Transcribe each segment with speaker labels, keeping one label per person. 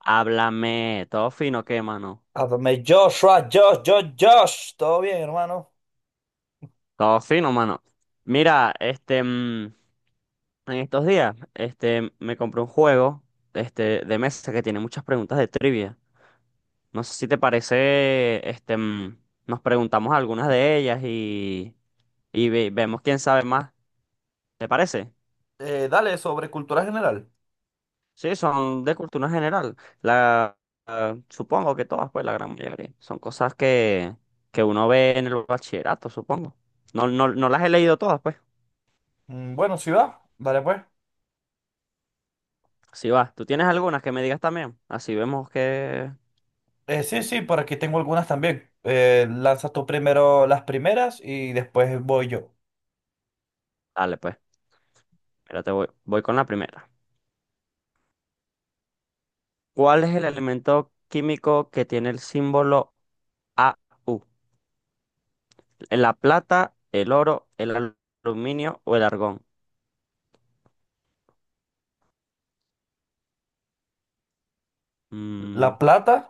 Speaker 1: Háblame, todo fino, ¿qué, mano?
Speaker 2: Adonai Joshua, Josh, Josh, Josh. Todo bien, hermano.
Speaker 1: Todo fino, mano. Mira, en estos días, me compré un juego, de mesa que tiene muchas preguntas de trivia. No sé si te parece, nos preguntamos algunas de ellas y vemos quién sabe más. ¿Te parece?
Speaker 2: Dale, sobre cultura general.
Speaker 1: Sí, son de cultura general. La, supongo que todas, pues, la gran mayoría. Son cosas que uno ve en el bachillerato, supongo. No, no, no las he leído todas, pues.
Speaker 2: Bueno, sí va. Dale pues.
Speaker 1: Si vas, ¿tú tienes algunas que me digas también? Así vemos que...
Speaker 2: Sí, por aquí tengo algunas también. Lanzas tú primero las primeras y después voy yo.
Speaker 1: Dale, pues, mira, voy con la primera. ¿Cuál es el elemento químico que tiene el símbolo AU? ¿La plata, el oro, el aluminio o el argón?
Speaker 2: La
Speaker 1: Mm,
Speaker 2: plata,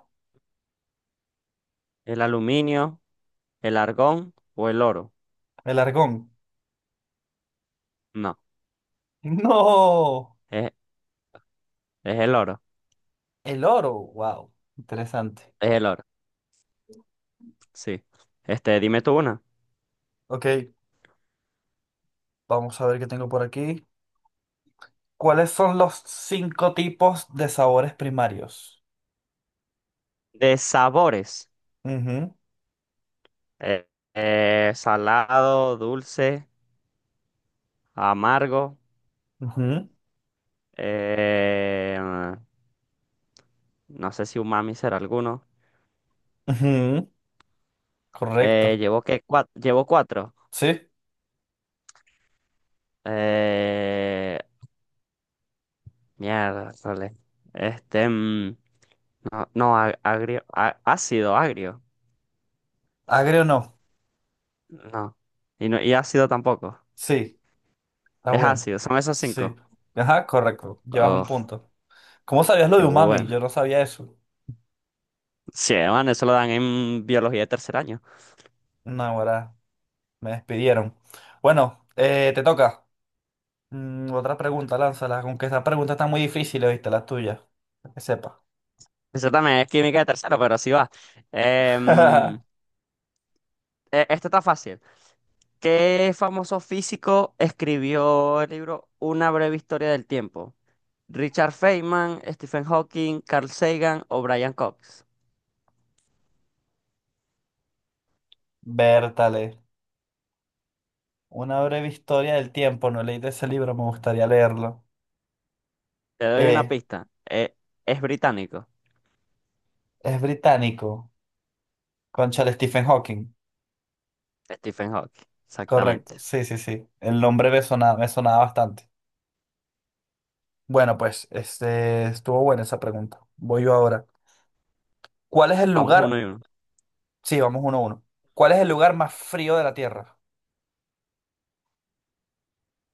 Speaker 1: ¿El aluminio, el argón o el oro?
Speaker 2: el argón.
Speaker 1: No,
Speaker 2: No,
Speaker 1: es, es el oro,
Speaker 2: el oro. Wow, interesante.
Speaker 1: es el oro, sí. Dime tú una.
Speaker 2: Ok, vamos a ver qué tengo por aquí. ¿Cuáles son los cinco tipos de sabores primarios?
Speaker 1: De sabores.
Speaker 2: Ujú,
Speaker 1: eh, Salado, dulce, amargo.
Speaker 2: ujú,
Speaker 1: Eh, No sé si umami será alguno.
Speaker 2: ujú. Correcto.
Speaker 1: Llevo que cuatro. Llevo cuatro.
Speaker 2: Sí.
Speaker 1: Eh, Mierda, sole. Este, mm, no, no, agrio, ácido, agrio.
Speaker 2: Agrio no.
Speaker 1: No. Y no, y ácido tampoco.
Speaker 2: Sí, está
Speaker 1: Es
Speaker 2: bueno.
Speaker 1: ácido, son esos
Speaker 2: Sí.
Speaker 1: cinco.
Speaker 2: Ajá, correcto. Llevas un
Speaker 1: Oh,
Speaker 2: punto. ¿Cómo sabías lo
Speaker 1: qué
Speaker 2: de umami?
Speaker 1: bueno.
Speaker 2: Yo no sabía eso.
Speaker 1: Sí, man, eso lo dan en biología de tercer año.
Speaker 2: No, ahora me despidieron. Bueno, te toca. Otra pregunta, lánzala. Aunque esta pregunta está muy difícil, ¿viste? La tuya. Que sepa.
Speaker 1: Eso también es química de tercero, pero sí va. Em, Esto está fácil. ¿Qué famoso físico escribió el libro Una breve historia del tiempo? Richard Feynman, Stephen Hawking, Carl Sagan o Brian Cox.
Speaker 2: Bertale. Una breve historia del tiempo. No leí de ese libro, me gustaría leerlo.
Speaker 1: Te doy una
Speaker 2: Eh,
Speaker 1: pista. Es británico.
Speaker 2: es británico. Concha Stephen Hawking.
Speaker 1: Stephen Hawking,
Speaker 2: Correcto.
Speaker 1: exactamente.
Speaker 2: Sí, sí, sí. El nombre me sonaba bastante. Bueno, pues este, estuvo buena esa pregunta. Voy yo ahora. ¿Cuál es el
Speaker 1: Vamos
Speaker 2: lugar?
Speaker 1: 1-1.
Speaker 2: Sí, vamos uno a uno. ¿Cuál es el lugar más frío de la Tierra?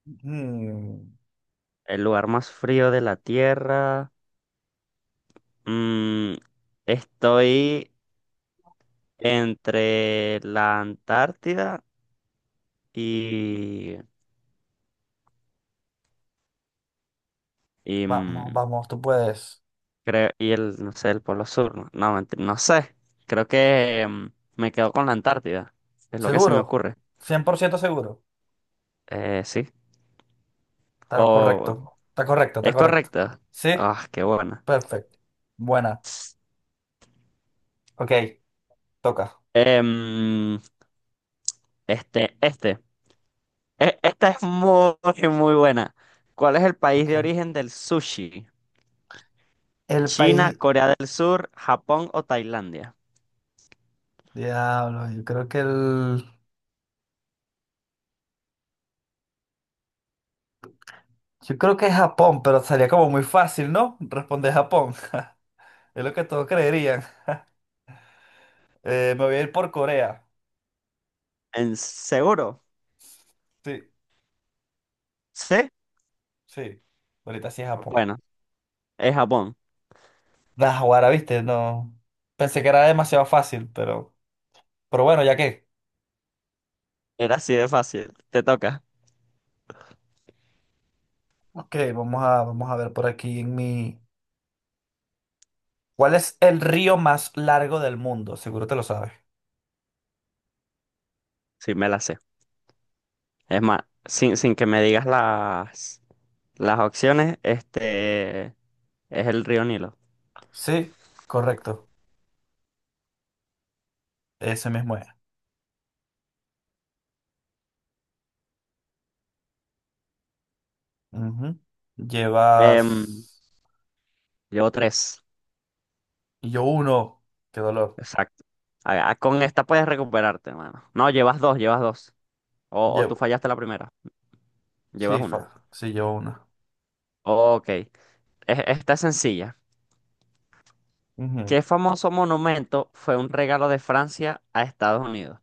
Speaker 2: Mm,
Speaker 1: El lugar más frío de la Tierra. Mm, Estoy entre la Antártida y, y,
Speaker 2: vamos, vamos, tú puedes.
Speaker 1: creo, y el, no sé, el Polo Sur. No, no, no sé. Creo que me quedo con la Antártida. Es lo que se me
Speaker 2: ¿Seguro?
Speaker 1: ocurre.
Speaker 2: ¿Cien por ciento seguro?
Speaker 1: Sí.
Speaker 2: Está
Speaker 1: O
Speaker 2: correcto. Está correcto, está
Speaker 1: Es
Speaker 2: correcto.
Speaker 1: correcto.
Speaker 2: ¿Sí?
Speaker 1: Ah, qué bueno.
Speaker 2: Perfecto. Buena. Ok, toca.
Speaker 1: Em, este, este. Esta es muy, muy buena. ¿Cuál es el país
Speaker 2: Ok.
Speaker 1: de origen del sushi?
Speaker 2: El
Speaker 1: ¿China,
Speaker 2: país...
Speaker 1: Corea del Sur, Japón o Tailandia?
Speaker 2: Diablo, yo creo que el... Yo creo que es Japón, pero sería como muy fácil, ¿no? Responder Japón. Es lo que todos creerían. Me voy a ir por Corea.
Speaker 1: ¿En seguro?
Speaker 2: Sí,
Speaker 1: ¿Sí?
Speaker 2: sí. Ahorita sí es Japón.
Speaker 1: Bueno, es Japón.
Speaker 2: Da, ahora, viste, no. Pensé que era demasiado fácil, pero bueno, ya que.
Speaker 1: Era así de fácil. Te toca.
Speaker 2: Ok, vamos a ver por aquí en mi. ¿Cuál es el río más largo del mundo? Seguro te lo sabes.
Speaker 1: Sí, me la sé. Es más, sin que me digas las opciones, este es el río Nilo.
Speaker 2: Sí, correcto. Ese mismo es. Ujú. Llevas.
Speaker 1: Em, Llevo tres.
Speaker 2: Y yo uno. Qué dolor.
Speaker 1: Exacto. Con esta puedes recuperarte, mano. No, llevas dos, llevas dos. O tú
Speaker 2: Llevo.
Speaker 1: fallaste la primera.
Speaker 2: Sí,
Speaker 1: Llevas
Speaker 2: fa...
Speaker 1: una.
Speaker 2: sí, llevo uno.
Speaker 1: Ok. Esta es sencilla.
Speaker 2: Ujú.
Speaker 1: ¿Qué famoso monumento fue un regalo de Francia a Estados Unidos?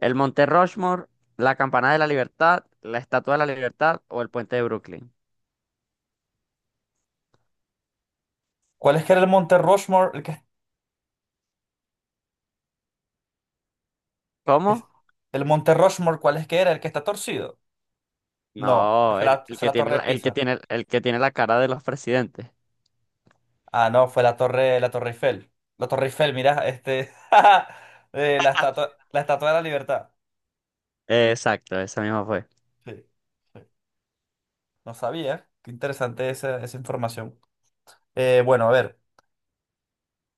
Speaker 1: ¿El Monte Rushmore, la Campana de la Libertad, la Estatua de la Libertad o el Puente de Brooklyn?
Speaker 2: ¿Cuál es que era el Monte Rushmore? El que... es-
Speaker 1: ¿Cómo?
Speaker 2: El Monte Rushmore, ¿cuál es que era? El que está torcido. No,
Speaker 1: No, el, el
Speaker 2: es
Speaker 1: que
Speaker 2: la
Speaker 1: tiene
Speaker 2: Torre de
Speaker 1: la,
Speaker 2: Pisa.
Speaker 1: el que tiene la cara de los presidentes.
Speaker 2: Ah, no, fue la Torre Eiffel. La Torre Eiffel, mira, este, la Estatua de la Libertad.
Speaker 1: Exacto, esa misma fue.
Speaker 2: Sí, sí. No sabía. Qué interesante esa, esa información. Bueno, a ver,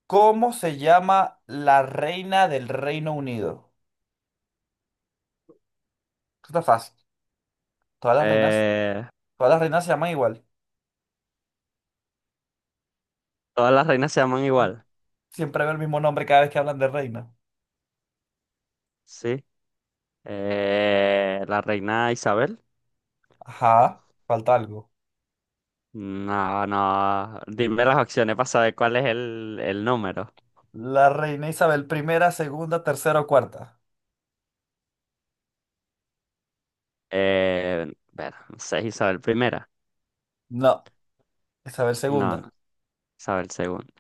Speaker 2: ¿cómo se llama la reina del Reino Unido? Esto está fácil. Todas las reinas,
Speaker 1: Eh,
Speaker 2: Todas las reinas se llaman igual.
Speaker 1: Todas las reinas se llaman igual.
Speaker 2: Siempre veo el mismo nombre cada vez que hablan de reina.
Speaker 1: Sí. La reina Isabel.
Speaker 2: Ajá, falta algo.
Speaker 1: No, no. Dime las opciones para saber cuál es el número.
Speaker 2: La reina Isabel primera, segunda, tercera o cuarta.
Speaker 1: No sé, Isabel primera.
Speaker 2: No, Isabel
Speaker 1: No,
Speaker 2: segunda.
Speaker 1: no. Isabel segunda.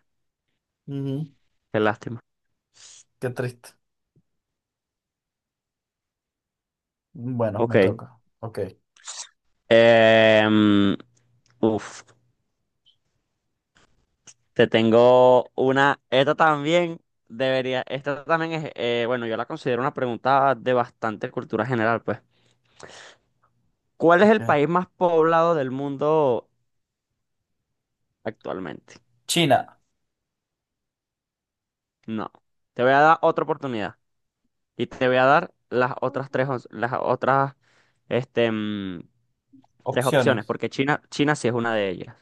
Speaker 2: Ujú.
Speaker 1: Qué lástima.
Speaker 2: Qué triste. Bueno, me
Speaker 1: Ok.
Speaker 2: toca. Ok,
Speaker 1: Em, Uf, te tengo una. Esta también debería. Esta también es. Bueno, yo la considero una pregunta de bastante cultura general, pues. ¿Cuál es
Speaker 2: ok.
Speaker 1: el país más poblado del mundo actualmente?
Speaker 2: China,
Speaker 1: No. Te voy a dar otra oportunidad. Y te voy a dar las otras tres, op- las otras, este, mm, tres opciones,
Speaker 2: opciones.
Speaker 1: porque China, China sí es una de ellas.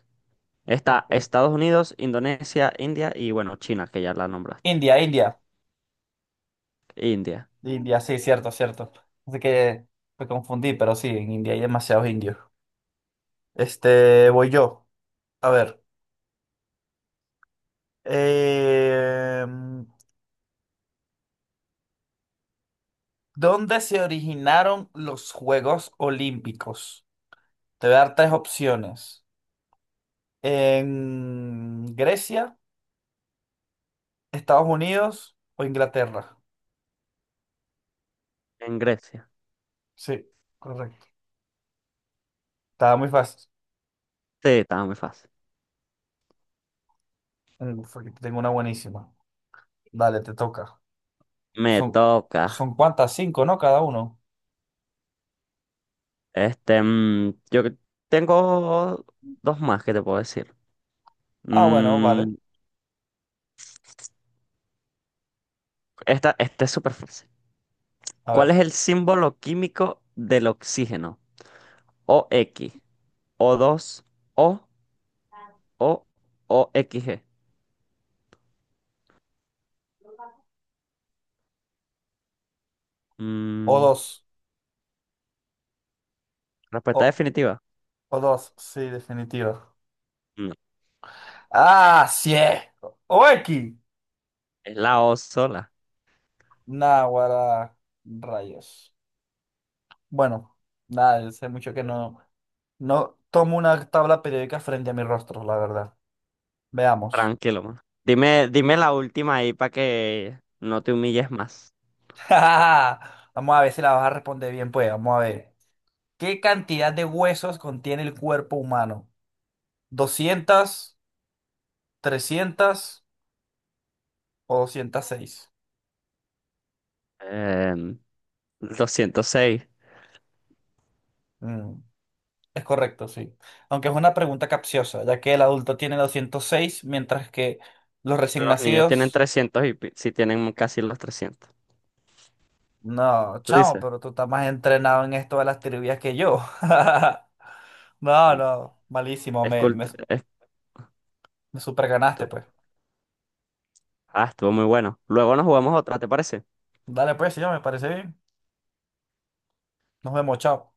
Speaker 1: Está
Speaker 2: Ok.
Speaker 1: Estados Unidos, Indonesia, India y bueno, China, que ya la nombraste.
Speaker 2: India, India.
Speaker 1: India,
Speaker 2: India, sí, cierto, cierto. Así que me confundí, pero sí, en India hay demasiados indios. Este, voy yo. A ver. eh, ¿Dónde se originaron los Juegos Olímpicos? Te voy a dar tres opciones. ¿En Grecia, Estados Unidos o Inglaterra?
Speaker 1: en Grecia.
Speaker 2: Sí, correcto. Estaba muy fácil.
Speaker 1: Sí, estaba muy fácil.
Speaker 2: Fue que tengo una buenísima. Dale, te toca.
Speaker 1: Me
Speaker 2: Son,
Speaker 1: toca.
Speaker 2: Son cuántas, cinco, ¿no? Cada uno.
Speaker 1: Yo tengo dos más que te puedo decir.
Speaker 2: Ah, bueno, vale.
Speaker 1: Mm, esta es súper fácil.
Speaker 2: A
Speaker 1: ¿Cuál
Speaker 2: ver.
Speaker 1: es el símbolo químico del oxígeno? O x o dos o O o XG.
Speaker 2: O
Speaker 1: Mm,
Speaker 2: dos.
Speaker 1: Respuesta
Speaker 2: O,
Speaker 1: definitiva.
Speaker 2: o dos, sí, definitivo.
Speaker 1: No,
Speaker 2: Ah, sí. O X.
Speaker 1: es la O sola.
Speaker 2: Náguara. Rayos. Bueno, nada, sé mucho que no tomo una tabla periódica frente a mi rostro, la verdad. Veamos.
Speaker 1: Tranquilo, mano. Dime la última ahí para que no te humilles más.
Speaker 2: Vamos a ver si la vas a responder bien, pues. Vamos a ver. ¿Qué cantidad de huesos contiene el cuerpo humano? ¿200, 300 o 206?
Speaker 1: Em, 206.
Speaker 2: Mm, es correcto, sí. Aunque es una pregunta capciosa, ya que el adulto tiene 206 mientras que los recién
Speaker 1: Los niños tienen
Speaker 2: nacidos...
Speaker 1: 300 y si tienen casi los 300.
Speaker 2: No,
Speaker 1: ¿Tú
Speaker 2: chamo,
Speaker 1: dices?
Speaker 2: pero tú estás más entrenado en esto de las trivias que yo. No,
Speaker 1: Mm,
Speaker 2: no, malísimo,
Speaker 1: es cult- es
Speaker 2: me superganaste, pues.
Speaker 1: tu- Ah, estuvo muy bueno. Luego nos jugamos otra, ¿te parece?
Speaker 2: Dale, pues, sí, me parece bien. Nos vemos, chao.